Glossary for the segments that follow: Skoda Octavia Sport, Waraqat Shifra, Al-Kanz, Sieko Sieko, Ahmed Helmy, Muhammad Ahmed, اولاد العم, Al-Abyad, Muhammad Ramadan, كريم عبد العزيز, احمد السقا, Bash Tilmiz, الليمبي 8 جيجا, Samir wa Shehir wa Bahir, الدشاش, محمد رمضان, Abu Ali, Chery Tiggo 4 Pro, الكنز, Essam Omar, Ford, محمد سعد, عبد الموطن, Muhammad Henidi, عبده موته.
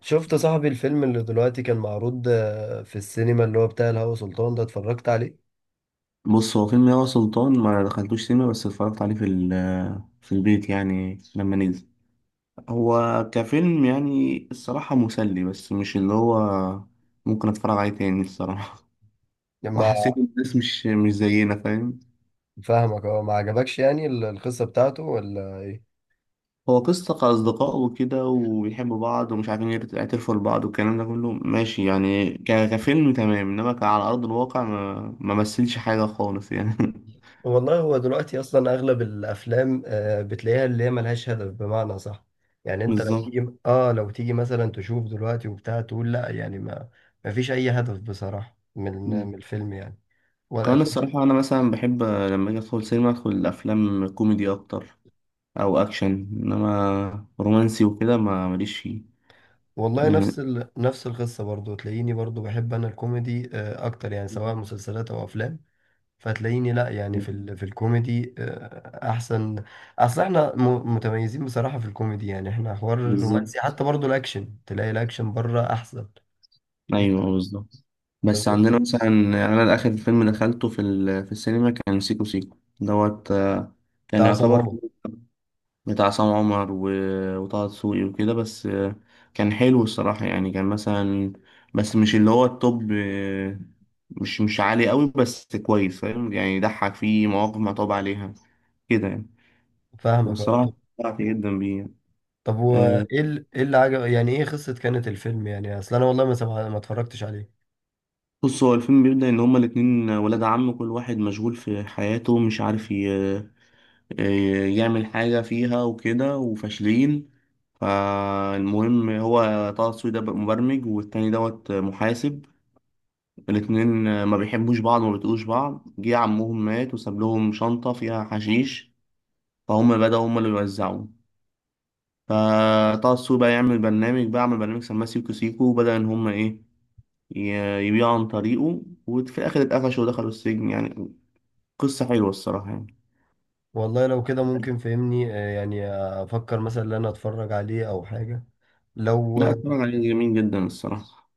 شفت صاحبي الفيلم اللي دلوقتي كان معروض في السينما اللي هو بتاع الهوى سلطان ده اتفرجت عليه. بص، هو فيلم ياغا سلطان ما دخلتوش سينما، بس اتفرجت عليه في البيت يعني لما نزل. هو كفيلم يعني الصراحة مسلي، بس مش اللي هو ممكن اتفرج عليه تاني الصراحة. لما وحسيت ان الناس مش زينا، فاهم. فاهمك، هو ما عجبكش يعني القصة بتاعته ولا ايه؟ هو قصة كأصدقاء وكده، وبيحبوا بعض ومش عارفين يعترفوا لبعض، والكلام ده كله ماشي يعني كفيلم تمام، انما كعلى أرض الواقع ما مثلش حاجة خالص يعني. والله هو دلوقتي اصلا اغلب الافلام بتلاقيها اللي هي ملهاش هدف، بمعنى صح. يعني انت لو بالظبط. تيجي، مثلا تشوف دلوقتي وبتاع، تقول لا يعني ما. ما فيش اي هدف بصراحة من من الفيلم يعني. ولا- كمان الصراحة أنا مثلا بحب لما أجي أدخل سينما أدخل أفلام كوميدي أكتر، أو أكشن، إنما رومانسي وكده ما ماليش فيه والله يعني. نفس نفس القصة برضو، تلاقيني برضو بحب انا الكوميدي اكتر، يعني سواء مسلسلات او افلام. فتلاقيني لا يعني في في الكوميدي احسن. اصل احنا متميزين بصراحة في الكوميدي، يعني احنا حوار الرومانسي، بالظبط، حتى برضو الاكشن تلاقي الاكشن بره احسن. إيه، أيوه بالظبط. بس بالظبط. عندنا مثلا، يعني أنا آخر فيلم دخلته في السينما كان سيكو سيكو دوت، بتاع كان عصام يعتبر عمر. بتاع عصام عمر و... وطه دسوقي وكده بس. كان حلو الصراحة، يعني كان مثلا، بس مش اللي هو التوب. مش عالي قوي، بس كويس، فاهم يعني، يضحك، فيه مواقف متعوب عليها كده يعني. فاهمك، اه. والصراحة طب استمتعت جدا بيه يعني. طب آه، وايه ايه اللي عجب؟ يعني ايه قصة كانت الفيلم؟ يعني اصل انا والله ما ما اتفرجتش عليه. بص، هو الفيلم بيبدأ إن هما الاتنين ولاد عم، كل واحد مشغول في حياته، مش عارف يعمل حاجة فيها وكده، وفاشلين. فالمهم، هو طه دسوقي ده مبرمج، والتاني دوت محاسب. الاتنين ما بيحبوش بعض وما بيطيقوش بعض. جه عمهم مات وساب لهم شنطة فيها حشيش، فهم بدأوا هم اللي يوزعوه. فطه السوق بقى يعمل برنامج، بقى عمل برنامج سماه سيكو سيكو، وبدأ إن هم إيه، يبيعوا عن طريقه. وفي الآخر اتقفشوا ودخلوا السجن يعني. قصة حلوة الصراحة يعني. والله لو كده ممكن فهمني يعني افكر مثلا ان انا اتفرج عليه او حاجة. لا، لو اتفرج عليه، جميل جدا الصراحة.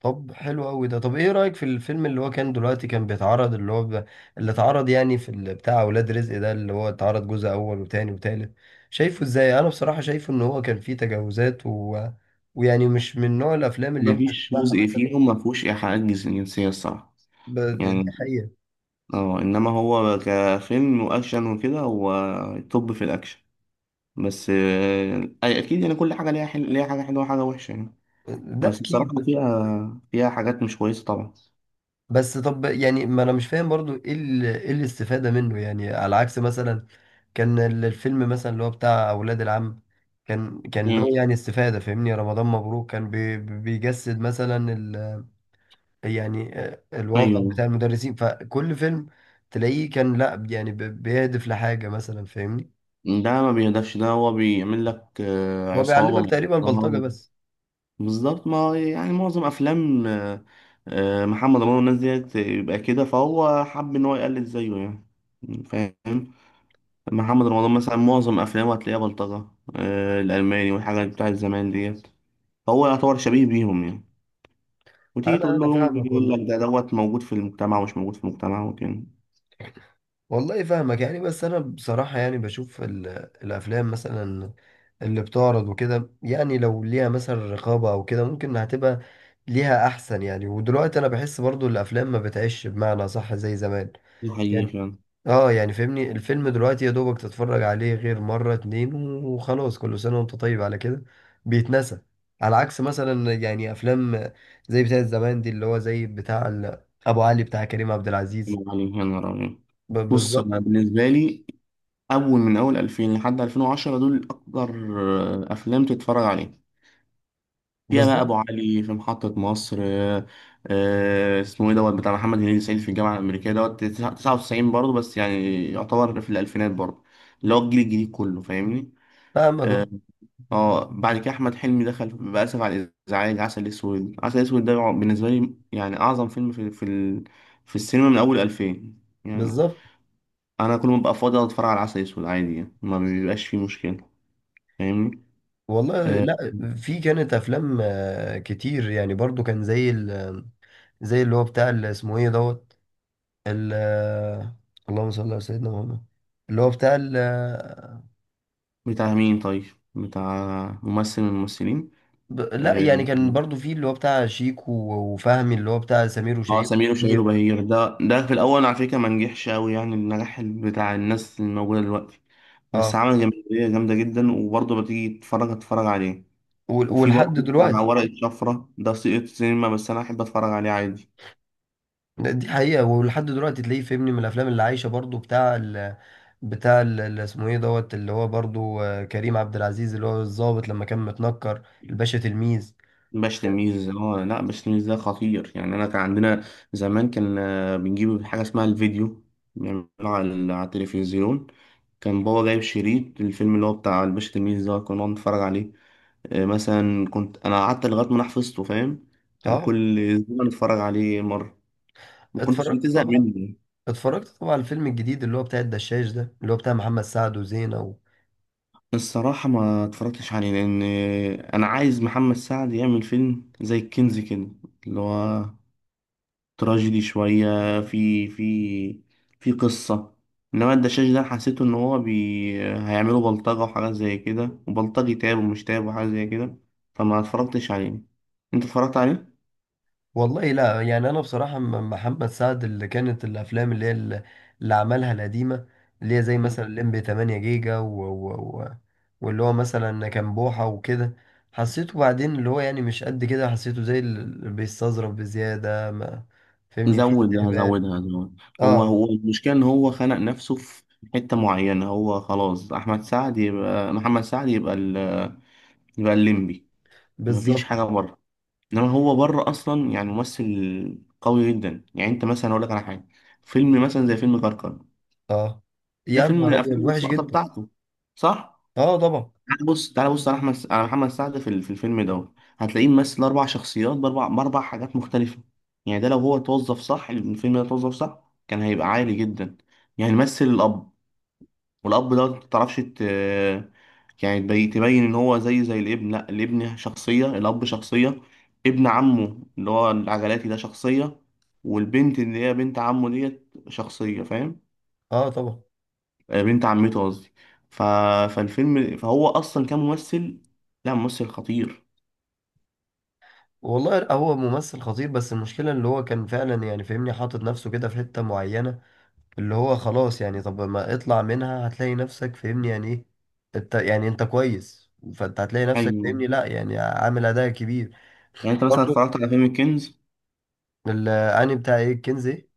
طب حلو قوي ده. طب ايه رأيك في الفيلم اللي هو كان دلوقتي كان بيتعرض، اللي هو اللي اتعرض يعني في بتاع اولاد رزق ده، اللي هو اتعرض جزء اول وتاني وتالت؟ شايفه ازاي؟ انا بصراحة شايفه ان هو كان فيه تجاوزات ويعني مش من نوع الافلام اللي ينفع مفيش تسمعها جزء مثلا. فيهم مفهوش إيحاءات جنسية الصراحة دي يعني. حقيقة. اه، انما هو كفيلم واكشن وكده، هو توب في الاكشن. بس، اكيد يعني كل حاجه ليها ليها حاجه حلوه وحاجه وحشه يعني. ده بس الصراحه اكيد. فيها فيها حاجات مش كويسه طبعا. بس طب يعني ما انا مش فاهم برضو ايه ايه الاستفادة منه، يعني على عكس مثلا كان الفيلم مثلا اللي هو بتاع اولاد العم، كان له مم. يعني استفادة، فاهمني؟ رمضان مبروك كان بيجسد مثلا يعني الواقع ايوه، بتاع المدرسين، فكل فيلم تلاقيه كان لا يعني بيهدف لحاجة مثلا، فاهمني؟ ده ما بيهدفش، ده هو بيعمل لك هو عصابه بيعلمك تقريبا البلطجة محترمة. بس. بالظبط، ما هو يعني معظم افلام محمد رمضان والناس ديت يبقى كده، فهو حب ان هو يقلد زيه يعني، فاهم. محمد رمضان مثلا معظم افلامه هتلاقيها بلطجه، الالماني والحاجات بتاعت زمان ديت، هو يعتبر شبيه بيهم يعني. وتيجي انا تقول له انا يوم فاهمك يقول والله. لك ده دوت موجود في المجتمع ومش موجود في المجتمع وكده. والله فاهمك يعني، بس انا بصراحة يعني بشوف الافلام مثلا اللي بتعرض وكده. يعني لو ليها مثلا رقابة او كده ممكن هتبقى ليها احسن. يعني ودلوقتي انا بحس برضو الافلام ما بتعيش بمعنى صح زي زمان ده حقيقي يعني. فعلا. اه، يعني فهمني الفيلم دلوقتي يا دوبك تتفرج عليه غير مرة اتنين وخلاص، كل سنة وانت طيب على كده، بيتنسى. على عكس مثلا يعني افلام زي بتاع زمان دي، اللي هو زي بتاع ابو علي بتاع كريم عبد العزيز. الله عليك يا نهار أبيض. بص، بالظبط. أنا بالنسبة لي أول من أول 2000 لحد 2010 دول أكتر أفلام تتفرج عليها، فيها بقى بالظبط. أبو علي في محطة مصر، اسمه إيه دوت بتاع محمد هنيدي، سعيد في الجامعة الأمريكية دوت 99 برضه، بس يعني يعتبر في الألفينات برضه، اللي هو الجيل الجديد كله فاهمني. فاهمك، آه، اه. اه بعد كده احمد حلمي دخل، بأسف على الازعاج، عسل اسود. عسل اسود ده بالنسبه لي يعني اعظم فيلم في السينما من اول 2000 يعني. بالظبط. انا كل ما ببقى فاضي أقعد اتفرج على عسل اسود عادي يعني، ما بيبقاش فيه مشكله، فاهمني. والله، آه. لا، في كانت افلام كتير يعني، برضو كان زي زي اللي هو بتاع اللي اسمه ايه دوت ال- آه، اللهم صل على سيدنا محمد، اللي هو بتاع بتاع مين طيب، بتاع ممثل من الممثلين؟ لا اه، يعني كان برضو في اللي هو بتاع شيكو. وفهمي اللي هو بتاع سمير وشهير سمير وشهير وبهير. وبهير ده في الاول على فكره ما نجحش قوي يعني النجاح بتاع الناس الموجوده دلوقتي، بس اه. عمل جماهيريه جامده جدا، وبرضه بتيجي تتفرج عليه. وفي برضه ولحد بتاع دلوقتي. ورقة شفرة، ده سقط سينما، بس أنا أحب أتفرج عليه عادي. دي حقيقة، ولحد دلوقتي تلاقيه فهمني من الافلام اللي عايشة برضو، بتاع بتاع اللي اسمه ايه دوت، اللي هو برضو كريم عبد العزيز، اللي هو الضابط لما كان متنكر، الباشا تلميذ. باش تلميذ، اه لا، باش تلميذ ده خطير يعني. أنا كان عندنا زمان، كان بنجيب حاجة اسمها الفيديو، بنعمله على على التلفزيون. كان بابا جايب شريط الفيلم اللي هو بتاع الباشا تلميذ ده، كنا بنقعد نتفرج عليه. مثلا كنت أنا قعدت لغاية ما أنا حفظته، فاهم، كان اه. كل أسبوع نتفرج عليه مرة، ما كنتش اتفرجت بتزهق طبعا. منه. على الفيلم الجديد اللي هو بتاع الدشاش ده، اللي هو بتاع محمد سعد وزينة الصراحة ما اتفرجتش عليه، لأن أنا عايز محمد سعد يعمل فيلم زي الكنز كده، اللي هو تراجيدي شوية، في في في قصة. إنما الدشاش ده حسيته إن هيعملوا بلطجة وحاجات زي كده، وبلطجي تاب ومش تاب وحاجات زي كده، فما اتفرجتش عليه. أنت اتفرجت عليه؟ والله لا يعني، انا بصراحة محمد سعد اللي كانت الافلام اللي هي اللي عملها القديمة، اللي هي زي مثلا الليمبي 8 جيجا و... واللي هو مثلا كان بوحة وكده، حسيته بعدين اللي هو يعني مش قد كده، حسيته زي اللي بيستظرف بزيادة ما. فهمني في زودها، استهبال. هزودها زود. هو اه. هو المشكلة إن هو خنق نفسه في حتة معينة، هو خلاص أحمد سعد يبقى محمد سعد، يبقى الليمبي، مفيش بالظبط. حاجه بره. انما هو بره اصلا يعني ممثل قوي جدا. يعني انت مثلا، اقول لك على حاجه، فيلم مثلا زي فيلم كركر، اه. ده يا فيلم من نهار ابيض، الافلام وحش السقطه جدا. بتاعته، صح. اه طبعا. تعال بص، تعال بص على احمد، على محمد سعد في في الفيلم ده، هتلاقيه ممثل اربع شخصيات باربع حاجات مختلفه يعني. ده لو هو توظف صح، الفيلم ده توظف صح، كان هيبقى عالي جدا يعني. مثل الاب، والأب ده متعرفش يعني تبين إن هو زي الابن. لأ، الابن شخصية، الأب شخصية، ابن عمه اللي هو العجلاتي ده شخصية، والبنت اللي هي بنت عمه ديت شخصية، فاهم. اه طبعا. بنت عمته قصدي. ف... فالفيلم، فهو أصلا كان ممثل، لا ممثل خطير. والله هو ممثل خطير، بس المشكلة اللي هو كان فعلا يعني فاهمني حاطط نفسه كده في حتة معينة، اللي هو خلاص يعني. طب ما اطلع منها، هتلاقي نفسك فاهمني، يعني ايه؟ انت يعني انت كويس، فانت هتلاقي نفسك، أيوه، فاهمني، لا يعني عامل اداء كبير. يعني أنت مثلا برضه. اتفرجت على فيلم الكنز؟ الاني بتاع ايه الكنز ايه؟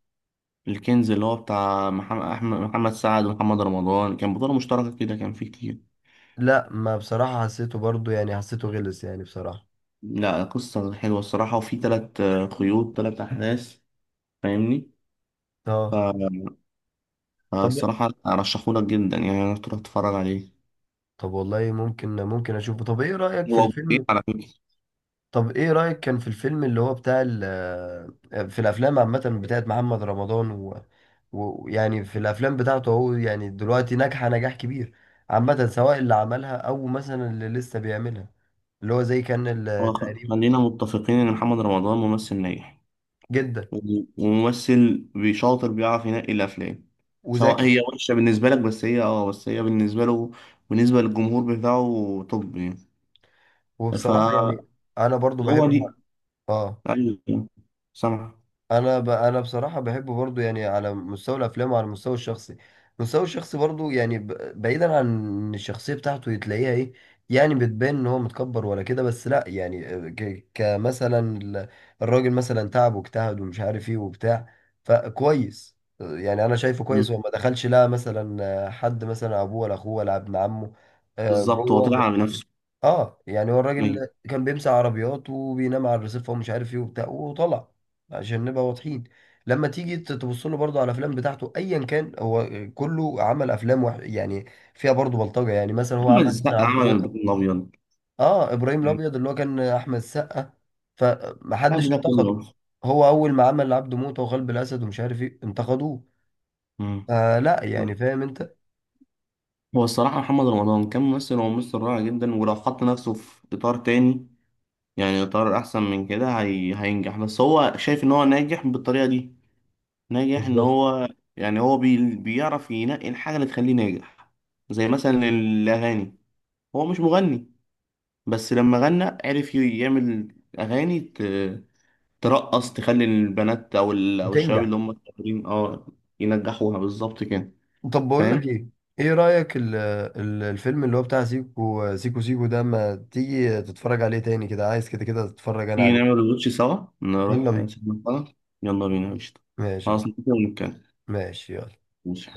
الكنز اللي هو بتاع محمد أحمد، محمد سعد ومحمد رمضان، كان بطولة مشتركة كده، كان فيه كتير. لا، ما بصراحة حسيته برضه، يعني حسيته غلس يعني بصراحة. لا، قصة حلوة الصراحة، وفي تلات قيود، تلات أحداث، فاهمني. اه. طب فالصراحة أرشحهولك جدا يعني، إنك تروح تتفرج عليه. طب والله ممكن اشوفه. طب ايه رأيك في هو جزئين الفيلم؟ على فكرة. طب ايه رأيك كان في الفيلم اللي هو بتاع في الافلام عامة بتاعت محمد رمضان ويعني في الافلام بتاعته هو يعني دلوقتي، ناجحة نجاح كبير عامة، سواء اللي عملها او مثلا اللي لسه بيعملها، اللي هو زي كان التقريب. خلينا متفقين إن محمد رمضان ممثل ناجح، جدا وممثل بيشاطر، بيعرف ينقي الأفلام. سواء وزكي. هي وحشة بالنسبة لك، بس هي اه، بس هي بالنسبة له، بالنسبة للجمهور بتاعه توب يعني. وبصراحة فهو يعني انا برضو بحبه. دي، اه. أيوه، سامع. انا انا بصراحه بحبه برضو يعني، على مستوى الافلام وعلى المستوى الشخصي. المستوى الشخصي برضو يعني بعيدا عن إن الشخصيه بتاعته تلاقيها ايه، يعني بتبان ان هو متكبر ولا كده، بس لا يعني، كمثلا الراجل مثلا تعب واجتهد ومش عارف ايه وبتاع. فكويس يعني، انا شايفه كويس مم. هو ما دخلش لا مثلا حد، مثلا ابوه ولا اخوه ولا ابن عمه بالظبط، هو طلع جوه. على نفسه. اه، يعني هو الراجل كان بيمسح عربيات وبينام على الرصيف ومش عارف ايه وبتاع، وطلع، عشان نبقى واضحين. لما تيجي تبص له برضه على الافلام بتاعته، ايا كان هو كله عمل افلام يعني فيها برضه بلطجه. يعني مثلا هو عمل محمد السقا مثلا عبد عمل الموطن. الابيض، الابيض اه، ابراهيم الابيض اللي هو كان احمد السقا. قبل فمحدش ده انتقده. كله. هو اول ما عمل عبده موته وقلب الاسد ومش عارف ايه انتقدوه. مم. آه لا، يعني فاهم انت. هو الصراحه محمد رمضان كان ممثل، وممثل رائع جدا، ولو حط نفسه في اطار تاني، يعني اطار احسن من كده، هينجح، بس هو شايف ان هو ناجح بالطريقه دي. ناجح ان بالظبط. هو، يعني بيعرف ينقي الحاجه اللي تخليه ناجح، زي مثلا الاغاني. هو مش مغني، بس لما غنى عرف يعمل اغاني ترقص، تخلي البنات او الشباب وتنجح. اللي هم الصغيرين اه ينجحوها، بالظبط كده، طب بقول لك فاهم. ايه. ايه رأيك ال ال الفيلم اللي هو بتاع سيكو سيكو سيكو ده، ما تيجي تتفرج عليه تاني كده؟ عايز كده كده تتفرج انا تيجي عليه. نعمل الوش سوا، نروح يلا سينما بينا. سوا. يلا بينا، قشطة. ماشي اهو. خلاص نتفق ونتكلم. ماشي يلا. ماشي.